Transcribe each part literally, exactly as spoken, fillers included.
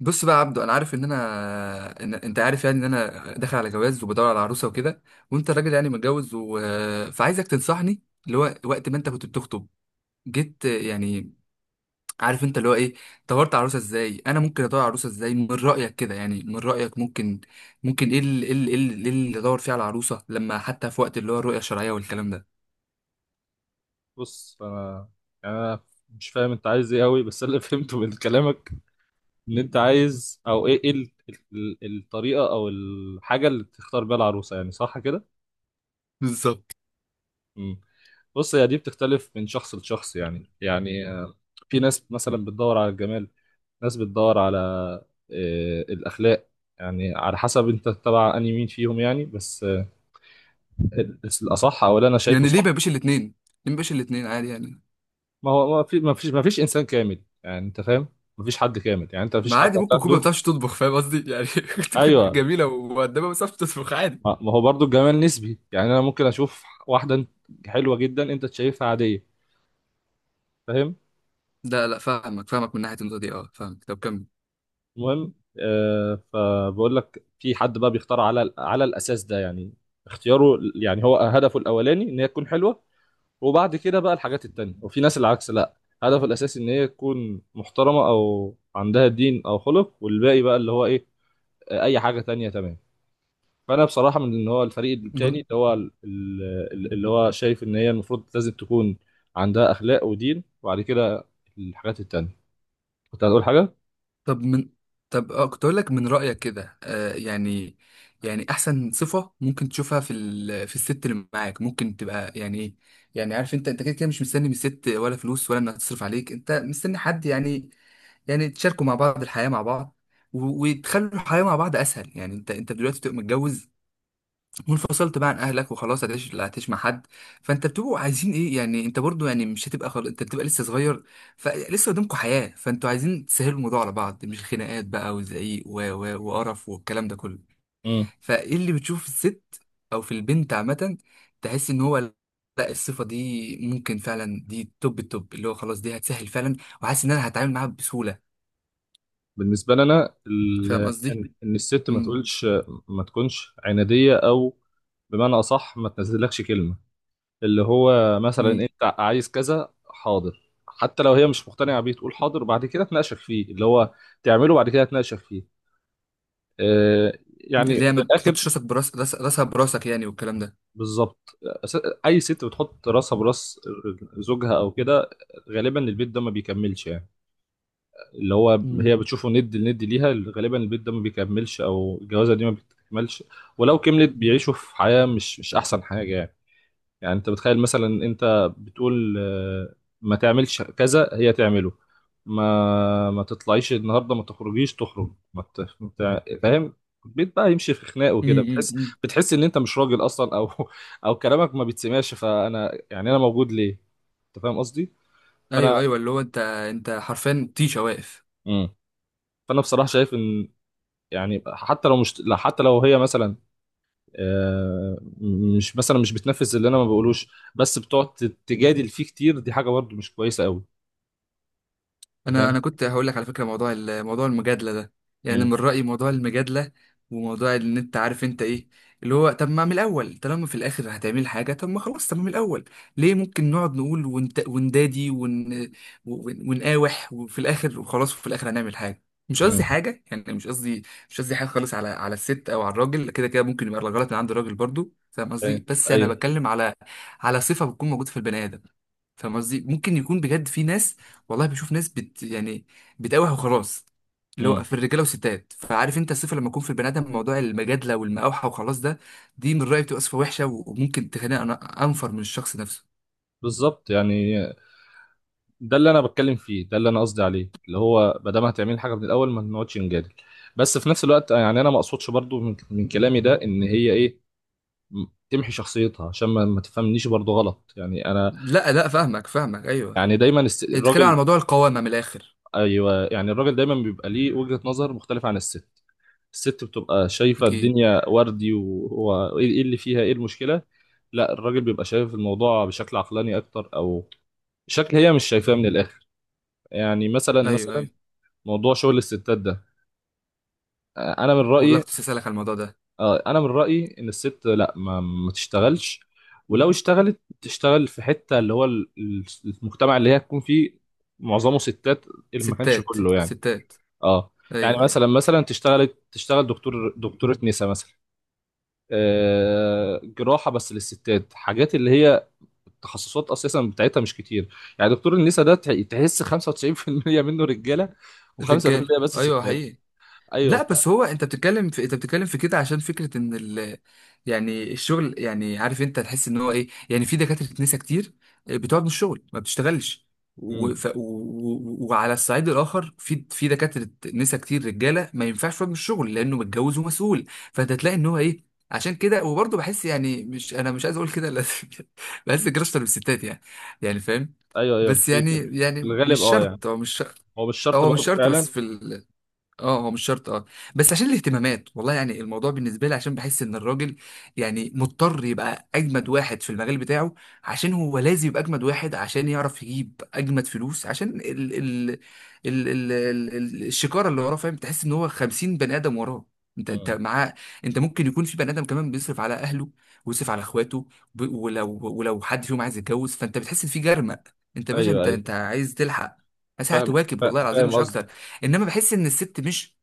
بص بقى يا عبدو، انا عارف ان انا إن... انت عارف، يعني ان انا داخل على جواز وبدور على عروسه وكده. وانت راجل يعني متجوز و... فعايزك تنصحني. اللي هو وقت ما انت كنت بتخطب، جيت يعني، عارف انت اللي هو ايه، دورت على عروسه ازاي؟ انا ممكن ادور على عروسه ازاي من رايك كده؟ يعني من رايك ممكن ممكن ايه اللي إيه اللي إيه اللي إيه اللي ادور فيه على عروسه، لما حتى في وقت اللي هو الرؤيه الشرعيه والكلام ده؟ بص انا يعني انا مش فاهم انت عايز ايه قوي، بس أنا اللي فهمته من كلامك ان انت عايز، او ايه ايه ال- ال- الطريقه او الحاجه اللي تختار بيها العروسه، يعني صح كده؟ بالظبط. امم بص، هي دي بتختلف من شخص لشخص، يعني يعني آه، في ناس مثلا بتدور على الجمال، ناس بتدور على آه، الاخلاق، يعني على حسب انت تبع انهي مين فيهم يعني، بس آه، ال- الاصح او اللي انا شايفه يعني ليه ما صح. بيبقاش الاثنين؟ ليه ما بيبقاش الاثنين عادي يعني؟ ما هو ما في ما فيش ما فيش انسان كامل يعني، انت فاهم؟ ما فيش حد كامل، يعني انت ما فيش ما حد عادي، ممكن تكون ما هتاخده. بتعرفش تطبخ، فاهم قصدي يعني؟ ممكن تكون ايوه، جميله ومؤدبه بس ما بتعرفش تطبخ، عادي. ما ما هو برضو الجمال نسبي، يعني انا ممكن اشوف واحده حلوه جدا انت شايفها عاديه، فاهم؟ لا لا، فاهمك فاهمك من ناحيه النقطه دي، اه فاهمك، طب كمل. المهم، آه فبقول لك، في حد بقى بيختار على على الاساس ده يعني، اختياره يعني هو هدفه الاولاني ان هي تكون حلوه، وبعد كده بقى الحاجات التانية. وفي ناس العكس، لا، هدفه الاساسي ان هي تكون محترمه او عندها دين او خلق، والباقي بقى اللي هو ايه، آه، اي حاجه تانية. تمام. فانا بصراحه من اللي هو الفريق التاني، من- اللي هو ال- ال- اللي هو شايف ان هي المفروض لازم تكون عندها اخلاق ودين، وبعد كده الحاجات التانيه. كنت هتقول حاجه؟ طب من، طب اه كنت اقول لك، من رايك كده آه يعني، يعني احسن صفه ممكن تشوفها في ال... في الست اللي معاك ممكن تبقى يعني ايه؟ يعني عارف انت، انت كده كده مش مستني من الست ولا فلوس ولا انها تصرف عليك، انت مستني حد يعني، يعني تشاركوا مع بعض الحياه مع بعض، و- وتخلوا الحياه مع بعض اسهل. يعني انت انت دلوقتي بتبقى متجوز وانفصلت بقى عن اهلك وخلاص، هتعيش لا هتعيش مع حد. فانت بتبقوا عايزين ايه يعني؟ انت برضو يعني مش هتبقى خل... انت بتبقى لسه صغير، فلسه قدامكم حياة، فانتوا عايزين تسهلوا الموضوع على بعض، مش خناقات بقى وزعيق و... و... وقرف والكلام ده كله. امم فايه اللي بتشوف في الست او في البنت عامة، تحس ان هو لا الصفة دي ممكن فعلا دي توب التوب، اللي هو خلاص دي هتسهل فعلا، وحاسس ان انا هتعامل معاها بسهولة. بالنسبه لنا فاهم ال- قصدي؟ ان إن الست ما امم. تقولش، ما تكونش عناديه، او بمعنى اصح ما تنزلكش كلمه، اللي هو مثلا امم. انت عايز كذا، حاضر، حتى لو هي مش مقتنعه بيه تقول حاضر وبعد كده تناقشك فيه، اللي هو تعمله بعد كده تناقشك فيه. آه، يعني اللي هي من ما الاخر تحطش راسك براس راس- راسها براسك يعني، والكلام ده. بالظبط. أس- اي ست بتحط راسها براس زوجها او كده، غالبا البيت ده ما بيكملش يعني، اللي هو امم. هي بتشوفه ند لند ليها، غالبا البيت ده ما بيكملش او الجوازه دي ما بتكملش. ولو كملت بيعيشوا في حياه مش مش احسن حاجه يعني. يعني انت بتخيل مثلا، انت بتقول آه، ما تعملش كذا، هي تعمله، ما ما تطلعيش النهارده، ما تخرجيش تخرج، ما ت... ما تع- فاهم؟ البيت بقى يمشي في خناق وكده. بتحس، امم. بتحس ان انت مش راجل اصلا، او او كلامك ما بيتسمعش، فانا يعني انا موجود ليه؟ انت فاهم قصدي؟ فانا ايوه ايوه، اللي هو انت انت حرفيا طيشه واقف. مم. فانا بصراحه شايف ان، يعني حتى لو مش لا، حتى لو هي مثلا آه، مش مثلا مش بتنفذ اللي انا ما بقولوش، بس بتقعد تجادل فيه كتير، دي حاجه برضه مش كويسه قوي. انت انا فاهم؟ انا كنت هقول لك على فكره، موضوع ال- موضوع المجادله ده. يعني امم. من رايي، موضوع المجادله وموضوع ان انت عارف انت ايه، اللي هو طب ما من الاول طالما في الاخر هتعمل حاجه، طب ما خلاص، طب ما من الاول ليه ممكن نقعد نقول ونت... وندادي ون... ون- ونقاوح، وفي الاخر وخلاص وفي الاخر هنعمل حاجه. مش امم قصدي حاجه يعني، مش قصدي، مش قصدي حاجه خالص على على الست او على الراجل، كده كده ممكن يبقى الغلط من عند الراجل برضو، فاهم ايوه، قصدي؟ بس انا ايوه. بتكلم على على صفه بتكون موجوده في البني ادم. فاهم قصدي؟ ممكن يكون بجد في ناس، والله بشوف ناس بت يعني بتقاوح وخلاص، اللي هو امم. في الرجاله والستات. فعارف انت الصفه، لما يكون في البني ادم موضوع المجادله والمقاوحه وخلاص ده، دي من رايي بتبقى صفه وحشه، وممكن تخليني انا انفر من الشخص نفسه. بالظبط يعني، ده اللي انا بتكلم فيه، ده اللي انا قصدي عليه، اللي هو ما دام هتعمل حاجه من الاول، ما نقعدش نجادل. بس في نفس الوقت، آه، يعني انا ما اقصدش برضو من, من كلامي ده ان هي ايه، م- تمحي شخصيتها، عشان ما, ما تفهمنيش برضو غلط يعني. انا لا لا فاهمك فاهمك ايوه. يعني دايما الس- انت بتتكلم الراجل، على موضوع القوامه من الاخر. ايوه، يعني الراجل دايما بيبقى ليه وجهة نظر مختلفه عن الست. الست بتبقى شايفه اكيد. الدنيا وردي، وهو ايه، إيه اللي فيها، ايه المشكله، لا الراجل بيبقى شايف الموضوع بشكل عقلاني اكتر، او شكل هي مش شايفاه من الاخر. يعني مثلا ايوه مثلا، ايوه. موضوع شغل الستات ده، آه، انا من والله رايي، كنت اسالك على الموضوع ده. آه، انا من رايي ان الست لا، ما, ما تشتغلش، ولو اشتغلت تشتغل في حته اللي هو ال- ال- المجتمع اللي هي تكون فيه معظمه ستات، اللي ما كانش ستات كله يعني. ستات. اه، يعني ايوه ايوه. مثلا مثلا تشتغل، تشتغل دكتور، دكتوره نساء مثلا، آه، جراحه بس للستات، حاجات اللي هي التخصصات اساسا بتاعتها مش كتير. يعني دكتور النساء ده تح- تحس خمسة وتسعين في المية منه رجاله رجاله و5% بس ايوه ستات. حقيقي. ايوه، لا ف بس هو انت بتتكلم في انت بتتكلم في كده عشان فكره ان ال... يعني الشغل، يعني عارف انت تحس ان هو ايه؟ يعني في دكاتره نساء كتير بتقعد من الشغل ما بتشتغلش، مم. وف... و... و... وعلى الصعيد الاخر في في دكاتره نساء كتير رجاله ما ينفعش يقعد من الشغل لانه متجوز ومسؤول. فانت تلاقي ان هو ايه؟ عشان كده، وبرضه بحس، يعني مش انا مش عايز اقول كده، لا بحس كراشة بالستات يعني، يعني فاهم؟ ايوه، ايوه، بس في يعني، في في يعني مش الغالب اه يعني، شرط، هو مش شرط. هو مش شرط هو مش برضه شرط بس فعلا. في ال... اه هو مش شرط اه. بس عشان الاهتمامات، والله يعني الموضوع بالنسبه لي عشان بحس ان الراجل يعني مضطر يبقى اجمد واحد في المجال بتاعه، عشان هو لازم يبقى اجمد واحد عشان يعرف يجيب اجمد فلوس، عشان ال ال ال ال ال ال الشكاره اللي وراه. فاهم؟ تحس ان هو خمسين بني ادم وراه، انت انت مم. معاه. انت ممكن يكون في بني ادم كمان بيصرف على اهله ويصرف على اخواته، ب- ولو ولو حد فيهم عايز يتجوز فانت بتحس ان في جرمق، انت يا باشا ايوه، انت ايوه، انت عايز تلحق ساعة فاهم، تواكب، والله فا- العظيم فاهم مش قصدك. اكتر. انما بحس ان الست مش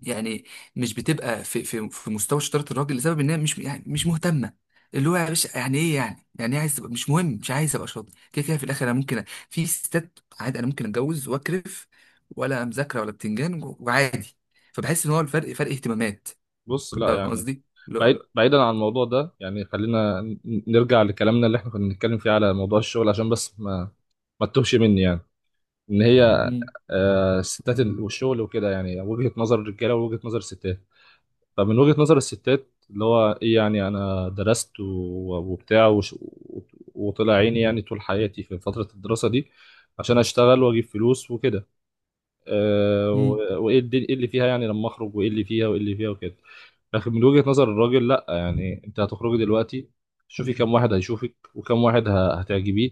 يعني، مش بتبقى في في في مستوى شطاره الراجل، لسبب انها مش يعني مش مهتمه. اللي هو يا باشا يعني ايه؟ يعني يعني ايه عايز تبقى مش مهم؟ مش عايز ابقى شاطر؟ كده كده في الاخر انا ممكن أ- في ستات عادي انا ممكن اتجوز واكرف، ولا مذاكره ولا بتنجان و- وعادي. فبحس ان هو الفرق، فرق اهتمامات. بص لا فاهم يعني، قصدي؟ اللي هو بعيد، بعيدا عن الموضوع ده يعني، خلينا ن- نرجع لكلامنا اللي احنا كنا بنتكلم فيه على موضوع الشغل، عشان بس ما ما تتوهش مني يعني، ان هي مم، آه، الستات ال- والشغل وكده، يعني وجهة نظر الرجاله ووجهة نظر الستات. فمن وجهة نظر الستات اللي هو ايه، يعني انا درست و- وبتاع وش- وطلع عيني يعني طول حياتي في فترة الدراسة دي عشان اشتغل واجيب فلوس وكده. أه، مم، و- وايه الد- إيه اللي فيها يعني لما اخرج، وايه اللي فيها وايه اللي فيها وكده. لكن من وجهة نظر الراجل، لا يعني، انت هتخرجي دلوقتي، شوفي كم واحد هيشوفك، وكم واحد ه- هتعجبيه،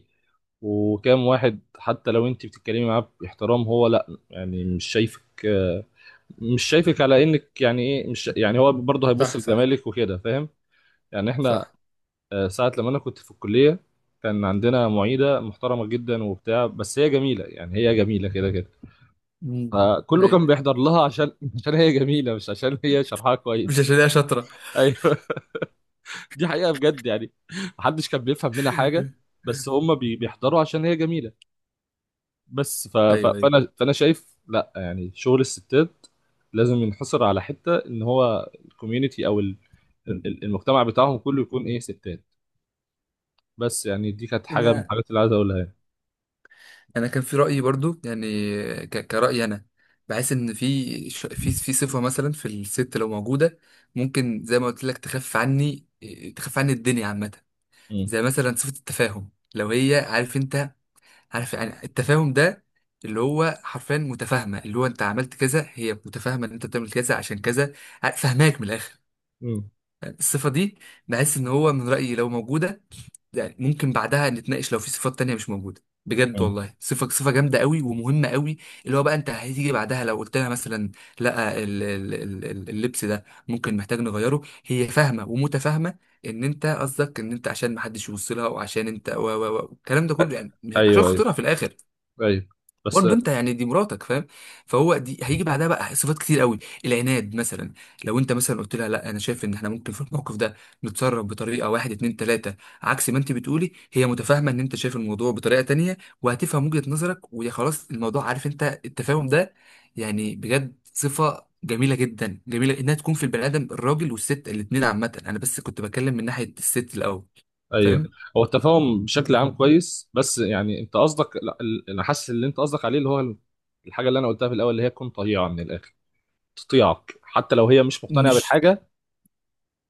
وكم واحد حتى لو انت بتتكلمي معاه باحترام، هو لا يعني مش شايفك، مش شايفك على انك يعني ايه، مش يعني هو برضه هيبص صح صح لجمالك وكده، فاهم؟ يعني احنا، صح. آه، ساعه لما انا كنت في الكليه، كان عندنا معيده محترمه جدا وبتاع، بس هي جميله، يعني هي جميله كده كده، مم، فكله ايوه، كان بيحضر لها عشان عشان هي جميله، مش عشان هي شرحها مش كويس. عشان هي شاطره. ايوه، دي حقيقه بجد يعني. محدش كان بيفهم منها حاجه، بس هم بي- بيحضروا عشان هي جميله. بس ف... ف... ايوه فانا فانا شايف لا، يعني شغل الستات لازم ينحصر على حته ان هو الكوميونتي او ال... ال- المجتمع بتاعهم كله يكون ايه، ستات. بس يعني دي كانت حاجه من ايوه. الحاجات اللي عايز اقولها يعني. انا كان في رايي برضو يعني، ك- كرايي انا، بحس ان في ش- في في صفه مثلا في الست لو موجوده، ممكن زي ما قلت لك تخف عني، تخف عني الدنيا عامه. مم. زي مثلا صفه التفاهم، لو هي عارف انت، عارف يعني التفاهم ده، اللي هو حرفيا متفاهمه، اللي هو انت عملت كذا هي متفاهمه ان انت بتعمل كذا عشان كذا، ع- فاهماك من الاخر. مم. الصفه دي بحس ان هو من رايي لو موجوده، يعني ممكن بعدها نتناقش لو في صفات تانية مش موجودة، بجد مم. والله صفة صفة جامدة قوي ومهمة قوي. اللي هو بقى انت هتيجي بعدها لو قلت لها مثلا لا، ال- ال- ال- ال- اللبس ده ممكن محتاج نغيره، هي فاهمة ومتفاهمة ان انت قصدك ان انت عشان محدش يبص لها، وعشان انت و و و الكلام ده كله يعني، مش- عشان ايوه، ايوه، خاطرها في الاخر. ايوه، بس برضه انت يعني دي مراتك، فاهم؟ فهو دي هيجي بعدها بقى صفات كتير قوي. العناد مثلا، لو انت مثلا قلت لها لا انا شايف ان احنا ممكن في الموقف ده نتصرف بطريقه واحد اتنين تلاته عكس ما انت بتقولي، هي متفاهمه ان انت شايف الموضوع بطريقه تانيه وهتفهم وجهه نظرك ويا خلاص الموضوع، عارف انت التفاهم ده؟ يعني بجد صفه جميله جدا، جميله انها تكون في البني ادم الراجل والست الاتنين عامه، انا بس كنت بتكلم من ناحيه الست الاول، ايوه، فاهم؟ هو التفاهم بشكل عام كويس، بس يعني انت قصدك لا، ال- انا حاسس اللي انت قصدك عليه اللي هو الحاجه اللي انا قلتها في الاول، اللي هي تكون طيعه من الاخر، تطيعك حتى لو هي مش مقتنعه مش بالحاجه،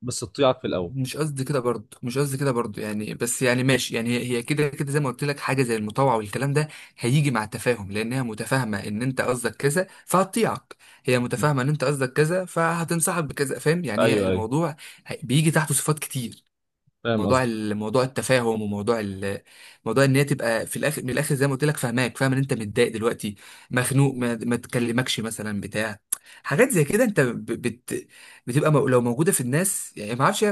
بس تطيعك في الاول. مش قصدي كده برضه، مش قصدي كده برضه يعني، بس يعني ماشي، يعني هي هي كده كده زي ما قلت لك، حاجه زي المطاوعه والكلام ده هيجي مع التفاهم، لانها متفاهمه ان انت قصدك كذا فهتطيعك، هي مم. متفاهمه ان انت قصدك كذا فهتنصحك بكذا. فاهم يعني؟ هي ايوه، ايوه، الموضوع هي- بيجي تحته صفات كتير. فاهم موضوع قصدك. ال- موضوع التفاهم، وموضوع ال- موضوع ان هي تبقى في الاخر من الاخر زي ما قلت لك فاهماك، فاهم ان انت متضايق دلوقتي مخنوق، ما, ما تكلمكش مثلا بتاع، حاجات زي كده انت ب- بت بتبقى مو- لو موجوده في الناس يعني ما اعرفش،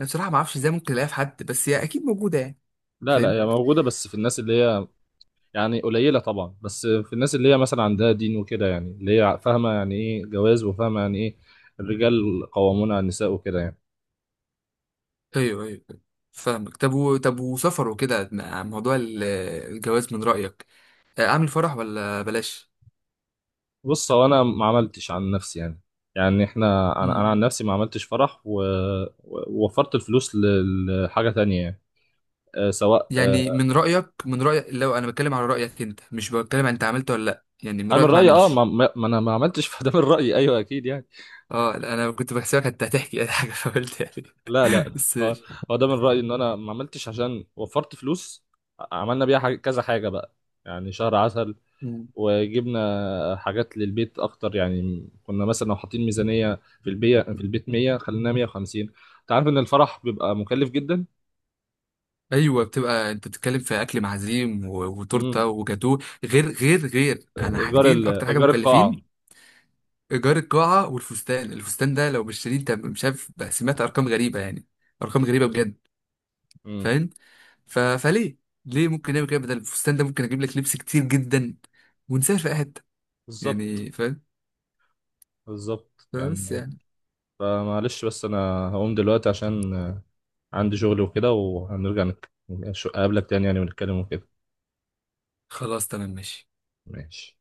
انا بصراحه ما اعرفش ازاي ممكن الاقيها في حد، بس هي اكيد موجوده يعني لا لا، فاهم. هي موجودة بس في الناس اللي هي، يعني قليلة طبعا، بس في الناس اللي هي مثلا عندها دين وكده يعني، اللي هي فاهمة يعني ايه جواز، وفاهمة يعني ايه الرجال قوامون على النساء وكده يعني. ايوه ايوه أيوة. فاهمك. طب و... طب وسفر وكده مع موضوع ال- الجواز، من رايك آه، اعمل فرح ولا بلاش؟ بص، هو انا ما عملتش عن نفسي يعني، يعني احنا انا مم. انا عن نفسي ما عملتش فرح و- و- ووفرت الفلوس ل- لحاجة تانية يعني، أه، سواء أه، يعني من رايك، من رايك لو انا بتكلم على رايك انت، مش بتكلم عن انت عملت ولا لا، يعني من انا من رايك ما رأيي اه ما, اعملش. ما ما انا ما عملتش، فده من رأيي، ايوه اكيد يعني. اه لا، انا كنت بحسبك انت هتحكي اي حاجه فقلت يعني لا لا بس اه، ماشي. هو ده من رأيي ان انا ما عملتش عشان وفرت فلوس، عملنا بيها حاجة، كذا حاجة بقى، يعني شهر عسل، مم. وجبنا حاجات للبيت اكتر. يعني كنا مثلا لو حاطين ميزانية في البيت، في البيت مية، خلينا مية وخمسين. انت عارف ان الفرح بيبقى مكلف جدا. ايوه بتبقى انت بتتكلم في اكل معزيم و- امم. وتورته وجاتوه، غير غير غير انا ايجار حاجتين ال... اكتر حاجه ايجار القاعة. مكلفين. ايجار القاعه والفستان، الفستان ده لو مش شاريه انت مش عارف بقى، سمعت ارقام غريبه يعني، ارقام غريبه بجد امم. فاهم. ف... فليه ليه ممكن نعمل كده؟ بدل الفستان ده ممكن اجيب لك لبس كتير جدا ونسافر في أي حته، بالظبط، يعني فاهم؟ بالظبط بس يعني. يعني فمعلش، بس انا هقوم دلوقتي عشان عندي شغل وكده، وهنرجع نك- نش- اقابلك تاني يعني ونتكلم وكده. خلاص تمام ماشي. ماشي.